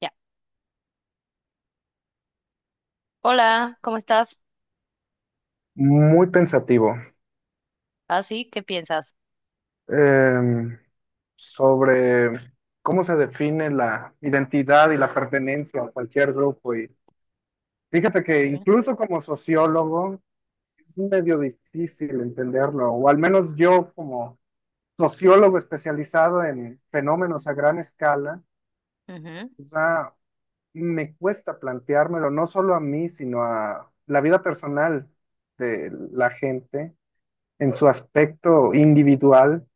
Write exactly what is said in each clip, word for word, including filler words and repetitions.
Ya. Hola, ¿cómo estás? Muy pensativo, Ah, sí, ¿qué piensas? em, sobre cómo se define la identidad y la pertenencia a cualquier grupo. Y fíjate que Okay. incluso como sociólogo es medio difícil entenderlo, o al menos yo como sociólogo especializado en fenómenos a gran escala, Ujú, quizá me cuesta planteármelo no solo a mí, sino a la vida personal de la gente en su aspecto individual.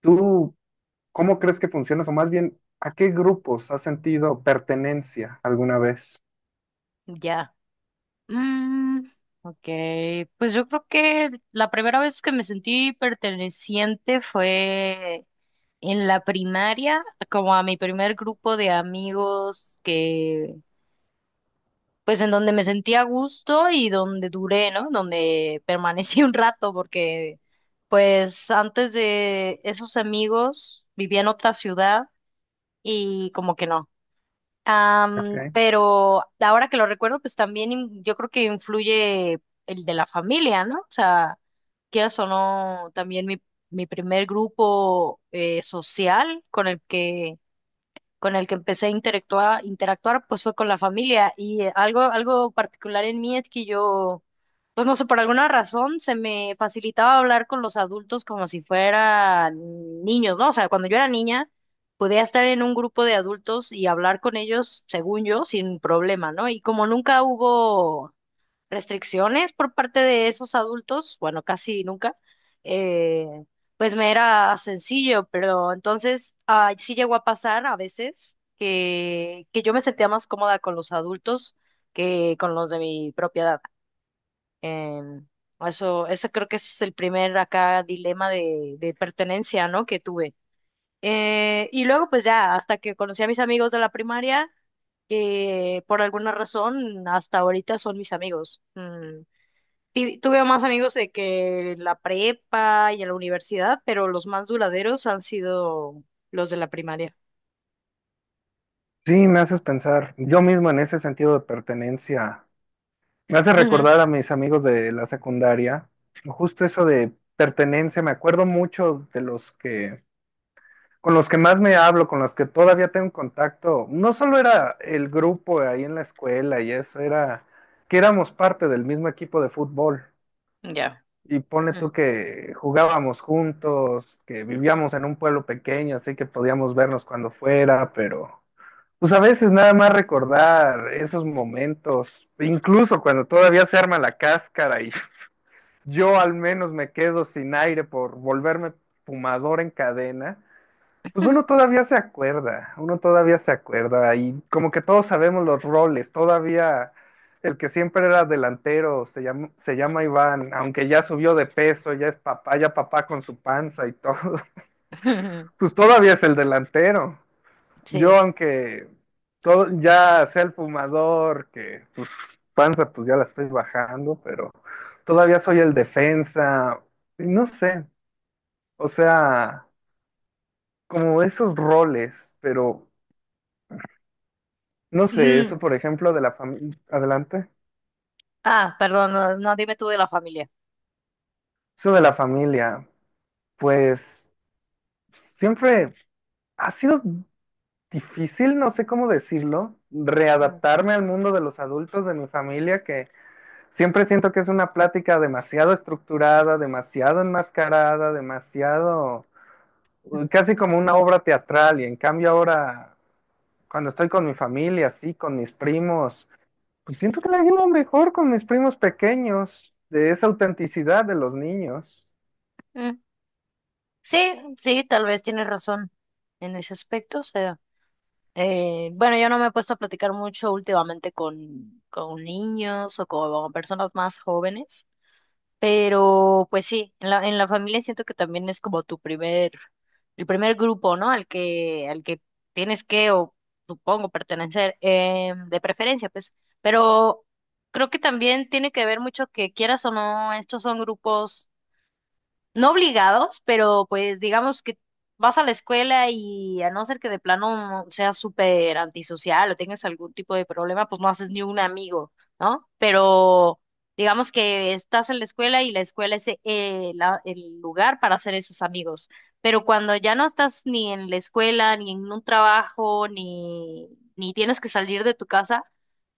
¿Tú ¿Cómo crees que funciona eso? Más bien, ¿a qué grupos has sentido pertenencia alguna vez? ya. Mm, ok, pues yo creo que la primera vez que me sentí perteneciente fue en la primaria, como a mi primer grupo de amigos que, pues en donde me sentí a gusto y donde duré, ¿no? Donde permanecí un rato porque, pues antes de esos amigos vivía en otra ciudad y como que no. Ok. Am, pero ahora que lo recuerdo, pues también in- yo creo que influye el de la familia, ¿no? O sea, quieras o no, también mi, mi primer grupo eh, social con el que con el que empecé a interactuar, interactuar, pues fue con la familia. Y eh, algo, algo particular en mí es que yo, pues no sé, por alguna razón se me facilitaba hablar con los adultos como si fueran niños, ¿no? O sea, cuando yo era niña, podía estar en un grupo de adultos y hablar con ellos, según yo, sin problema, ¿no? Y como nunca hubo restricciones por parte de esos adultos, bueno, casi nunca, eh, pues me era sencillo, pero entonces ah, sí llegó a pasar a veces que, que yo me sentía más cómoda con los adultos que con los de mi propia edad. Em, eso, ese creo que es el primer acá dilema de, de pertenencia, ¿no?, que tuve. Eh, y luego, pues ya, hasta que conocí a mis amigos de la primaria, que por alguna razón hasta ahorita son mis amigos. Mm, Ti- tuve más amigos de que la prepa y en la universidad, pero los más duraderos han sido los de la primaria. Sí, me haces pensar yo mismo en ese sentido de pertenencia. Me hace recordar a mis amigos de la secundaria. Justo eso de pertenencia, me acuerdo mucho de los que, con los que más me hablo, con los que todavía tengo contacto. No solo era el grupo ahí en la escuela y eso, era que éramos parte del mismo equipo de fútbol. Ujú, ya. Y pone Mm. tú que jugábamos juntos, que vivíamos en un pueblo pequeño, así que podíamos vernos cuando fuera, pero pues a veces nada más recordar esos momentos, incluso cuando todavía se arma la cáscara y yo al menos me quedo sin aire por volverme fumador en cadena, pues uno todavía se acuerda, uno todavía se acuerda y como que todos sabemos los roles, todavía el que siempre era delantero se llama, se llama Iván, aunque ya subió de peso, ya es papá, ya papá con su panza y todo, pues todavía es el delantero. Yo Sí. aunque todo, ya sea el fumador, que pues panza pues ya la estoy bajando, pero todavía soy el defensa, y no sé, o sea, como esos roles, pero no sé, Mm, eso por ejemplo de la familia, adelante, ah, perdón, no, no, dime tú de la familia. eso de la familia, pues siempre ha sido difícil, no sé cómo decirlo, Mm, readaptarme al mundo de los adultos de mi familia, que siempre siento que es una plática demasiado estructurada, demasiado enmascarada, demasiado, uh, casi como una obra teatral, y en cambio ahora, cuando estoy con mi familia, sí, con mis primos. Pues siento que la llevo mejor con mis primos pequeños, de esa autenticidad de los niños. mm. Sí, sí, tal vez tienes razón en ese aspecto. O sea, eh, bueno, yo no me he puesto a platicar mucho últimamente con, con niños o con personas más jóvenes. Pero pues sí, en la, en la familia siento que también es como tu primer, el primer grupo, ¿no? Al que, al que tienes que, o supongo, pertenecer, eh, de preferencia, pues. Pero creo que también tiene que ver mucho que quieras o no, estos son grupos no obligados, pero pues digamos que vas a la escuela y a no ser que de plano seas súper antisocial o tengas algún tipo de problema, pues no haces ni un amigo, ¿no? Pero digamos que estás en la escuela y la escuela es eh, la- el lugar para hacer esos amigos. Pero cuando ya no estás ni en la escuela, ni en un trabajo, ni, ni tienes que salir de tu casa,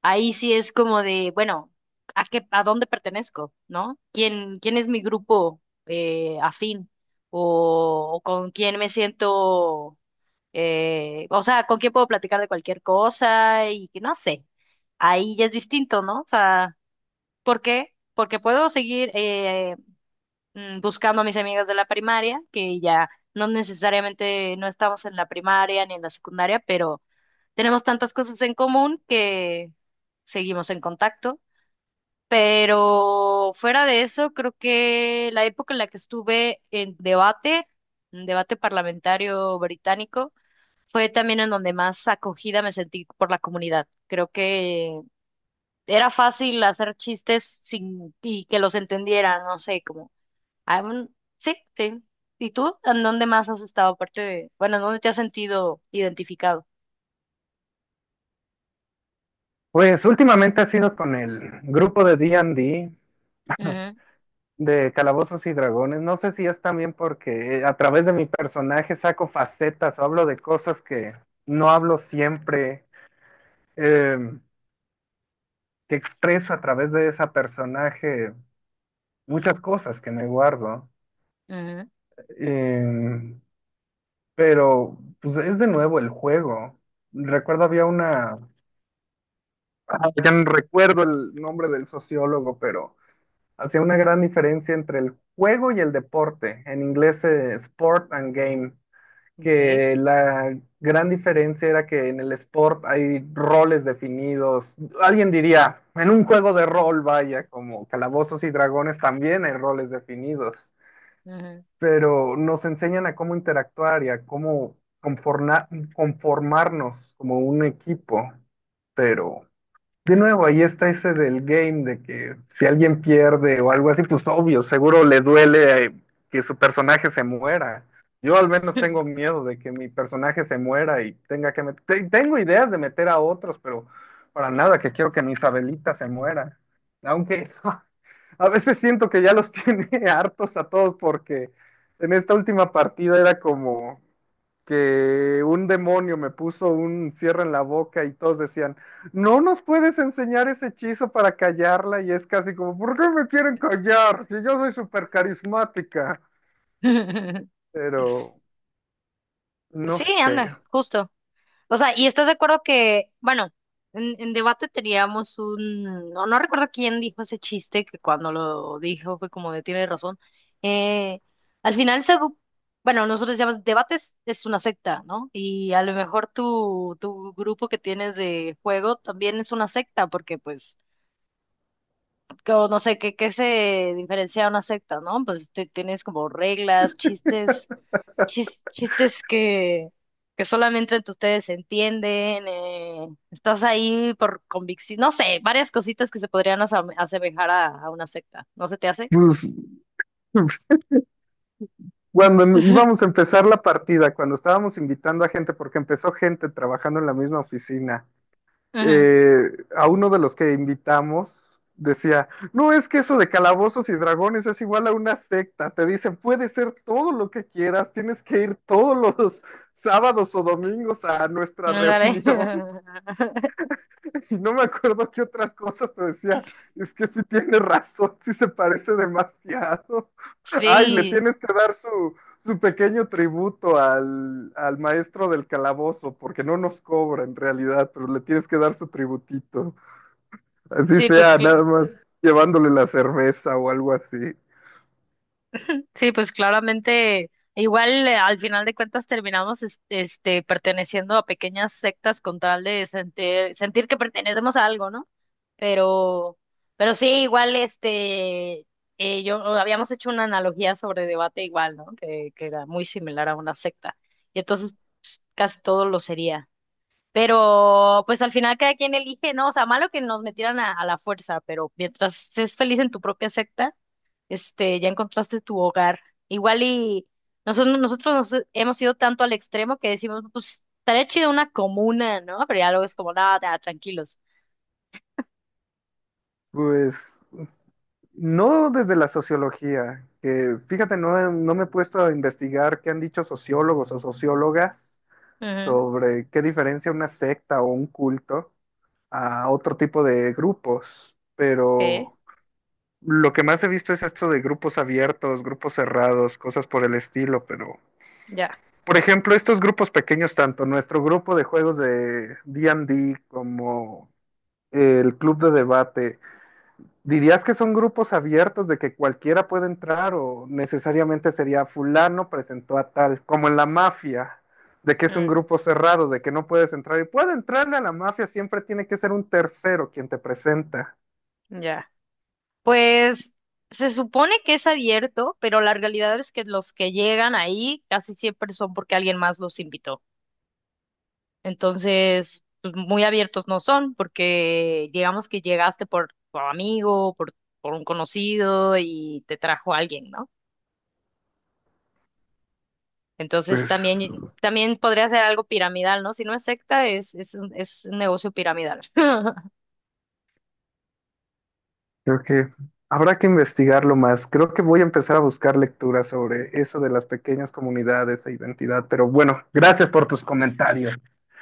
ahí sí es como de, bueno, ¿a qué, a dónde pertenezco?, ¿no? ¿Quién, quién es mi grupo? Eh, afín o, o con quién me siento, eh, o sea, con quién puedo platicar de cualquier cosa y que no sé, ahí ya es distinto, ¿no? O sea, ¿por qué? Porque puedo seguir eh, mm, buscando a mis amigas de la primaria, que ya no necesariamente no estamos en la primaria ni en la secundaria, pero tenemos tantas cosas en común que seguimos en contacto. Pero fuera de eso, creo que la época en la que estuve en debate, en debate parlamentario británico, fue también en donde más acogida me sentí por la comunidad. Creo que era fácil hacer chistes sin y que los entendieran, no sé, como ah, mm, sí, sí. ¿Y tú? ¿En dónde más has estado? Aparte de, bueno, ¿en dónde te has sentido identificado? Pues últimamente ha sido con el grupo de D and D, Ujú, de Calabozos y Dragones. No sé si es también porque eh, a través de mi personaje saco facetas o hablo de cosas que no hablo siempre, eh, que expreso a través de ese personaje muchas cosas que me guardo. ujú, Eh, pero pues es de nuevo el juego. Recuerdo había una Ah, ya no recuerdo el nombre del sociólogo, pero hacía una gran diferencia entre el juego y el deporte, en inglés eh, sport and game, ok, que la gran diferencia era que en el sport hay roles definidos, alguien diría, en un juego de rol, vaya, como Calabozos y Dragones también hay roles definidos, ujú. pero nos enseñan a cómo interactuar y a cómo conforna- conformarnos como un equipo, pero de nuevo, ahí está ese del game de que si alguien pierde o algo así, pues obvio, seguro le duele eh, que su personaje se muera. Yo al menos tengo miedo de que mi personaje se muera y tenga que meter... Tengo ideas de meter a otros, pero para nada que quiero que mi Isabelita se muera. Aunque a veces siento que ya los tiene hartos a todos porque en esta última partida era como que un demonio me puso un cierre en la boca y todos decían no nos puedes enseñar ese hechizo para callarla y es casi como, ¿por qué me quieren callar? Si yo soy súper carismática. Pero, no Sí, sé. anda, justo. O sea, ¿y estás de acuerdo que, bueno, en, en debate teníamos un, no, no recuerdo quién dijo ese chiste, que cuando lo dijo fue como de tiene razón. Eh, Al final, se, gu- bueno, nosotros llamamos debates, es una secta, ¿no? Y a lo mejor tu, tu grupo que tienes de juego también es una secta, porque pues, co- no sé, ¿qué, qué se diferencia de una secta?, ¿no? Pues te- tienes como reglas, chistes chis- chistes que, que solamente entre ustedes se entienden, eh, estás ahí por convicción, no sé, varias cositas que se podrían asame- asemejar a, a una secta, ¿no se te hace? Pues, cuando em, íbamos a empezar la partida, cuando estábamos invitando a gente, porque empezó gente trabajando en la misma oficina, Ujú, eh, a uno de los que invitamos decía, no, es que eso de calabozos y dragones es igual a una secta, te dicen, puede ser todo lo que quieras, tienes que ir todos los sábados o domingos a nuestra ándale. reunión. Y no me acuerdo qué otras cosas, pero decía, es que sí tiene razón, sí se parece demasiado. Ay, le Sí, tienes que dar su, su pequeño tributo al, al maestro del calabozo, porque no nos cobra en realidad, pero le tienes que dar su tributito. Así sí, pues sea, nada cl- más llevándole la cerveza o algo así. sí, pues claramente, igual eh, al final de cuentas terminamos es- este, perteneciendo a pequeñas sectas con tal de sentir, sentir que pertenecemos a algo, ¿no? Pero, pero sí, igual este, eh, yo habíamos hecho una analogía sobre debate igual, ¿no? Que, que era muy similar a una secta. Y entonces pues, casi todo lo sería. Pero pues al final cada quien elige, ¿no? O sea, malo que nos metieran a, a la fuerza, pero mientras es feliz en tu propia secta este, ya encontraste tu hogar. Igual y nosotros, nosotros nos hemos ido tanto al extremo que decimos, pues estaría chido una comuna, ¿no? Pero ya luego es como, nada, nada, tranquilos. Pues no desde la sociología, que fíjate, no, he- no me he puesto a investigar qué han dicho sociólogos o sociólogas Ujú, sobre qué diferencia una secta o un culto a otro tipo de grupos, ok, pero lo que más he visto es esto de grupos abiertos, grupos cerrados, cosas por el estilo, pero... ya, Por ejemplo, estos grupos pequeños, tanto nuestro grupo de juegos de D and D como el club de debate, ¿dirías que son grupos abiertos de que cualquiera puede entrar o necesariamente sería fulano presentó a tal, como en la mafia, de que es un mm, grupo cerrado, de que no puedes entrar y puede entrarle a la mafia, siempre tiene que ser un tercero quien te presenta? ya. Pues se supone que es abierto, pero la realidad es que los que llegan ahí casi siempre son porque alguien más los invitó. Entonces, pues muy abiertos no son, porque digamos que llegaste por tu amigo, por, por un conocido y te trajo alguien, ¿no? Entonces Pues también, también podría ser algo piramidal, ¿no? Si no es secta, es, es un, es un negocio piramidal. creo que habrá que investigarlo más. Creo que voy a empezar a buscar lecturas sobre eso de las pequeñas comunidades e identidad, pero bueno, gracias por tus comentarios.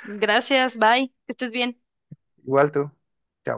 Gracias, bye, que estés bien. Igual tú. Chao.